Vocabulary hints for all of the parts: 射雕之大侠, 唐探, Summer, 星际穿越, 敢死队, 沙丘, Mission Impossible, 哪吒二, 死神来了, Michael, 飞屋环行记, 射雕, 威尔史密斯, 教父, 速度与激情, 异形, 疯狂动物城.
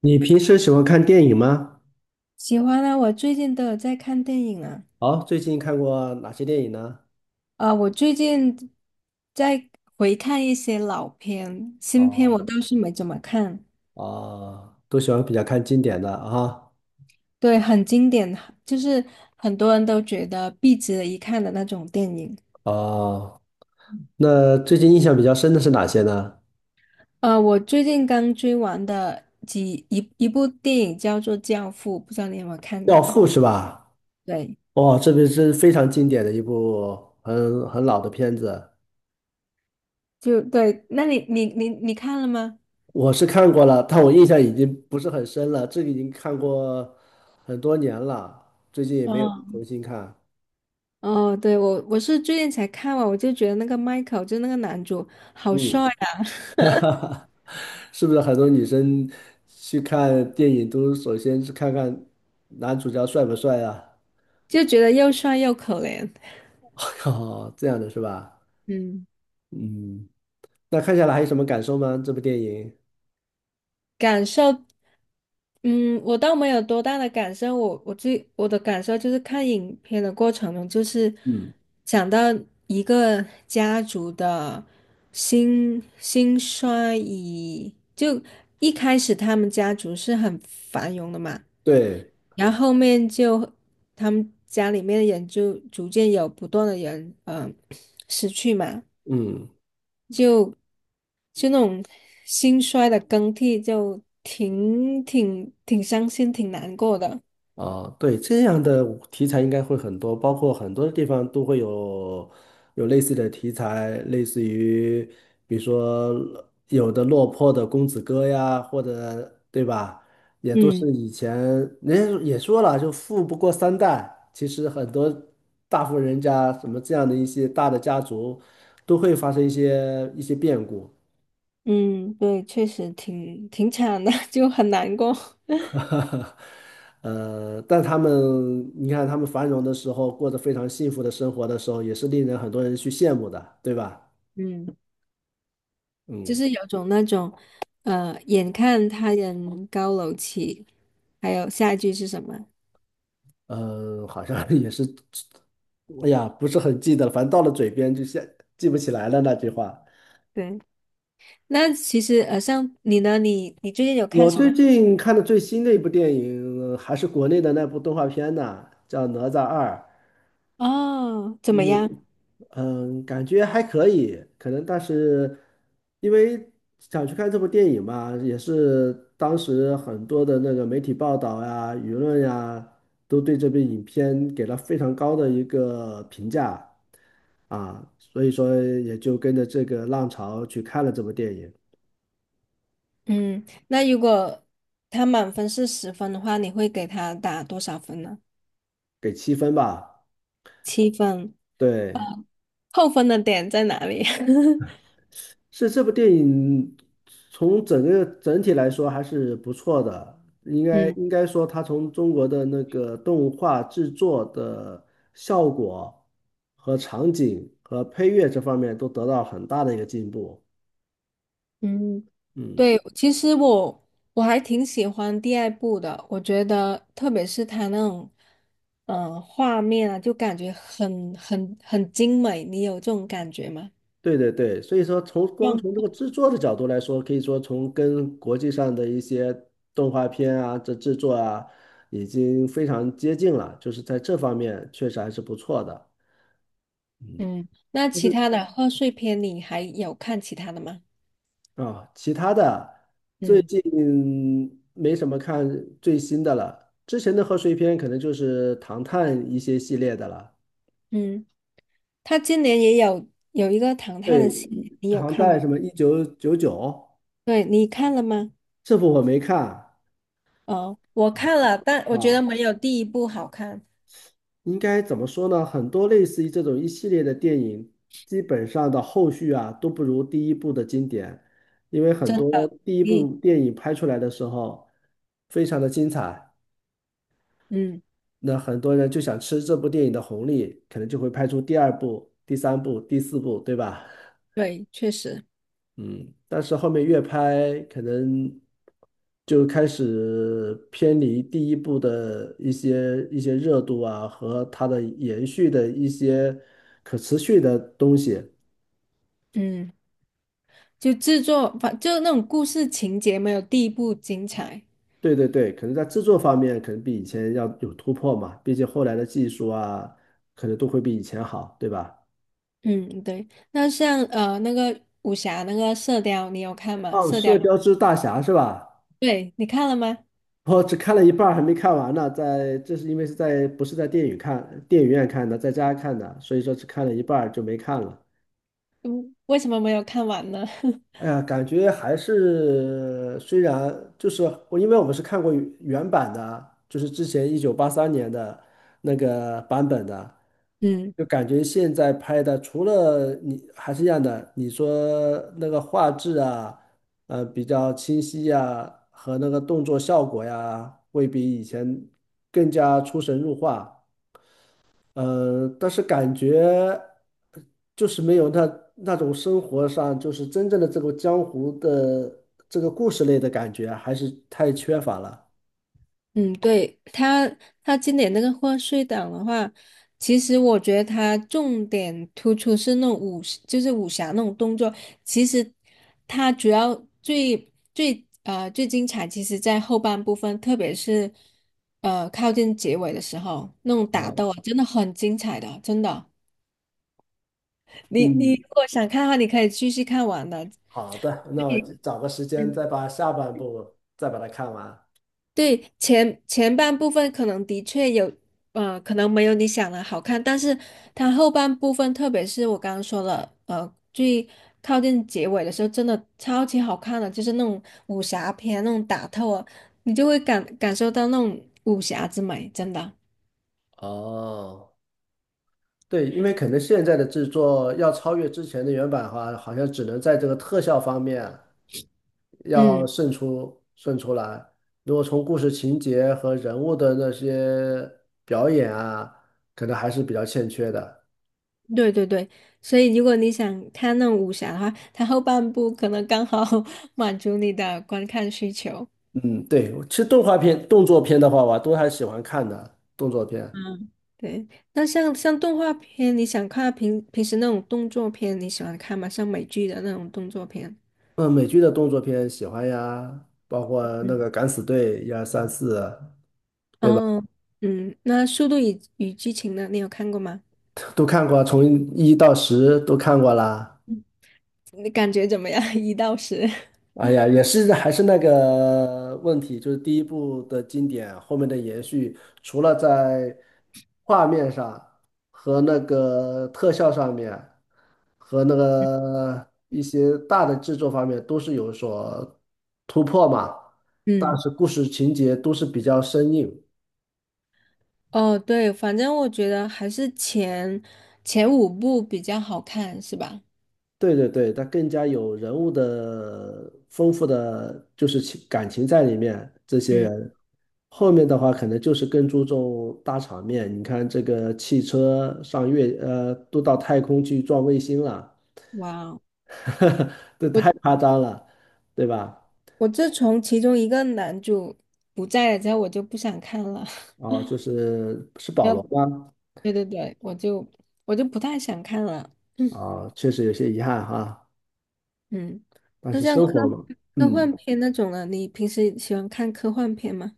你平时喜欢看电影吗？喜欢啊，我最近都有在看电影啊。哦，最近看过哪些电影呢？啊，我最近在回看一些老片，新片我哦，倒是没怎么看。哦，都喜欢比较看经典的啊。对，很经典，就是很多人都觉得必值得一看的那种电影。哦，那最近印象比较深的是哪些呢？我最近刚追完的一部电影叫做《教父》，不知道你有没有看《教过？父》是吧？对，哦，这个是非常经典的一部很老的片子，就对，那你看了吗？我是看过了，但我印象已经不是很深了，这个已经看过很多年了，最近也没有嗯，重新看。哦，对，我是最近才看完，我就觉得那个 Michael 就那个男主好嗯，帅。啊！是不是很多女生去看电影都首先是看看男主角帅不帅啊？就觉得又帅又可怜。哦，这样的是吧？嗯，嗯，那看下来还有什么感受吗？这部电影？感受，嗯，我倒没有多大的感受，我的感受就是看影片的过程中，就是嗯，想到一个家族的兴衰，就一开始他们家族是很繁荣的嘛，对，然后后面就他们家里面的人就逐渐有不断的人，失去嘛。嗯。就就那种兴衰的更替，就挺伤心，挺难过的。啊，对，这样的题材应该会很多，包括很多地方都会有类似的题材，类似于比如说有的落魄的公子哥呀，或者对吧，也都嗯是以前人家也说了，就富不过三代，其实很多大户人家什么这样的一些大的家族都会发生一些变故。嗯，对，确实挺惨的，就很难过。哈哈，但他们，你看他们繁荣的时候，过着非常幸福的生活的时候，也是令人很多人去羡慕的，对吧？嗯，就嗯，是有种那种，眼看他人高楼起，还有下一句是什么？好像 也是，哎呀，不是很记得了，反正到了嘴边就现记不起来了那句话。对，那其实像你呢，你最近有看我什么？最近看的最新的一部电影，还是国内的那部动画片呢，叫《哪吒二》。哦，怎么嗯。样？嗯，感觉还可以，可能但是因为想去看这部电影嘛，也是当时很多的那个媒体报道呀、舆论呀，都对这部影片给了非常高的一个评价啊，所以说也就跟着这个浪潮去看了这部电影，嗯，那如果他满分是十分的话，你会给他打多少分呢？给七分吧。七分，对，扣分的点在哪里？是这部电影从整个整体来说还是不错的，应该嗯应该说它从中国的那个动画制作的效果和场景和配乐这方面都得到很大的一个进步。嗯，嗯，对，其实我还挺喜欢第二部的，我觉得特别是他那种画面啊，就感觉很精美，你有这种感觉吗？对对对，所以说从光嗯，从这个制作的角度来说，可以说从跟国际上的一些动画片啊，这制作啊，已经非常接近了，就是在这方面确实还是不错的。嗯。嗯，那其他的贺岁片你还有看其他的吗？啊，其他的最嗯近没什么看最新的了，之前的贺岁片可能就是唐探一些系列的了。嗯。他今年也有一个唐探的对，戏，你有唐看代吗？什么1999，对，你看了吗？这部我没看哦，我看了，但我觉得啊。没有第一部好看，应该怎么说呢？很多类似于这种一系列的电影，基本上的后续啊都不如第一部的经典，因为很真多的。第一部第电影拍出来的时候非常的精彩。嗯，那很多人就想吃这部电影的红利，可能就会拍出第二部、第三部、第四部，对吧？对，确实，嗯，但是后面越拍，可能就开始偏离第一部的一些热度啊，和它的延续的一些可持续的东西。嗯，就制作反就那种故事情节没有第一部精彩。对对对，可能在制作方面，可能比以前要有突破嘛，毕竟后来的技术啊，可能都会比以前好，对吧？嗯，对。那像那个武侠那个《射雕》，你有看吗？哦，《射雕》《射雕之大侠》是吧？对，你看了吗？我只看了一半儿，还没看完呢。在，这是因为是在不是在电影看，电影院看的，在家看的，所以说只看了一半儿就没看了。嗯，为什么没有看完呢？哎呀，感觉还是虽然就是我，因为我们是看过版的，就是之前1983年的那个版本的，嗯。就感觉现在拍的除了你还是一样的，你说那个画质啊，比较清晰呀，和那个动作效果呀，会比以前更加出神入化。但是感觉就是没有那种生活上，就是真正的这个江湖的这个故事类的感觉，还是太缺乏了。嗯，对，他，他今年那个贺岁档的话，其实我觉得他重点突出是那种武，就是武侠那种动作。其实他主要最精彩，其实在后半部分，特别是靠近结尾的时候，那种打啊，斗啊，真的很精彩的，真的。你嗯，如果想看的话，你可以继续看完的。好的，那我找个时间再把下半部再把它看完。对，前半部分可能的确有，可能没有你想的好看，但是它后半部分，特别是我刚刚说了，最靠近结尾的时候，真的超级好看的，就是那种武侠片那种打斗啊，你就会感受到那种武侠之美，真的。哦，对，因为可能现在的制作要超越之前的原版的话，好像只能在这个特效方面。要嗯，胜出来。如果从故事情节和人物的那些表演啊，可能还是比较欠缺的。对对对，所以如果你想看那种武侠的话，它后半部可能刚好 满足你的观看需求。嗯，对，其实动画片、动作片的话，我都还喜欢看的动作片。嗯，对，那像动画片，你想看平时那种动作片，你喜欢看吗？像美剧的那种动作片。嗯，美剧的动作片喜欢呀，包括那嗯，个《敢死队》一二三四，对吧？哦，嗯，那《速度与激情》呢？你有看过吗？都看过啊，从1到10都看过啦。你感觉怎么样？一到十。哎呀，也是还是那个问题，就是第一部的经典，后面的延续，除了在画面上和那个特效上面，和那 个一些大的制作方面都是有所突破嘛，但嗯，是故事情节都是比较生硬。哦，对，反正我觉得还是前五部比较好看，是吧？对对对，它更加有人物的丰富的就是情感情在里面。这些嗯，人后面的话，可能就是更注重大场面。你看这个汽车上月，都到太空去撞卫星了，哇哦，这太我夸张了，对吧？我自从其中一个男主不在了之后，我就不想看了。哦，就是是保要罗不，吗？对对对，我就不太想看了。啊，确实有些遗憾哈，嗯，但那是像生活嘛，科嗯，幻片那种的，你平时喜欢看科幻片吗？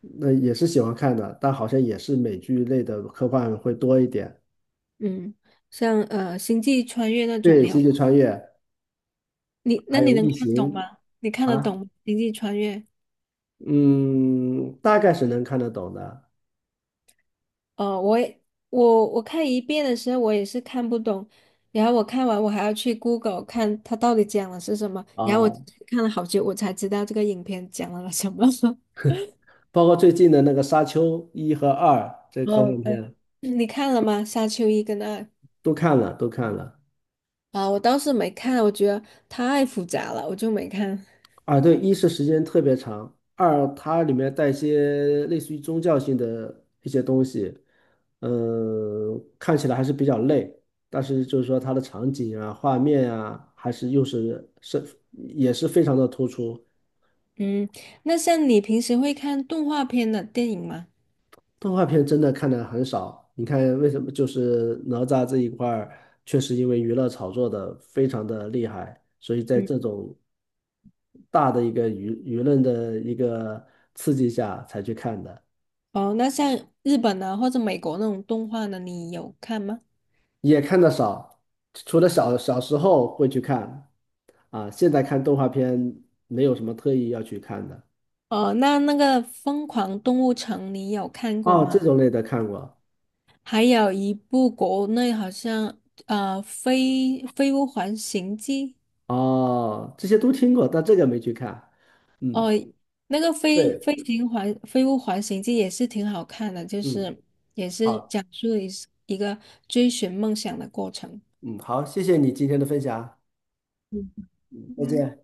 那也是喜欢看的，但好像也是美剧类的科幻会多一点。嗯，像《星际穿越》那种，对，你星有，际穿越。你那还你有能异看懂形吗？你看得啊懂吗《星际穿越》？嗯，大概是能看得懂的哦，我也，我看一遍的时候，我也是看不懂，然后我看完我还要去 Google 看它到底讲的是什么，然后我啊，看了好久，我才知道这个影片讲了什么。包括最近的那个《沙丘》一和二这科幻哦，对，片嗯，你看了吗？《沙丘一》跟二，都看了，都看了啊，我倒是没看，我觉得太复杂了，我就没看。啊。对，一是时间特别长，二它里面带一些类似于宗教性的一些东西，嗯，看起来还是比较累，但是就是说它的场景啊、画面啊，还是又是是也是非常的突出。嗯，那像你平时会看动画片的电影吗？动画片真的看的很少，你看为什么？就是哪吒这一块儿，确实因为娱乐炒作的非常的厉害，所以在嗯，这种大的一个论的一个刺激下才去看的，哦，那像日本的或者美国那种动画的，你有看吗？也看的少。除了小时候会去看，啊，现在看动画片没有什么特意要去看的。哦，那那个《疯狂动物城》你有看过哦，这吗？种类的看过，还有一部国内好像《飞飞屋环行记》哦，这些都听过，但这个没去看。哦，嗯那个对，飞屋环形记也是挺好看的，就嗯，是也是好。讲述一个追寻梦想的过程。嗯，好，谢谢你今天的分享，嗯再见。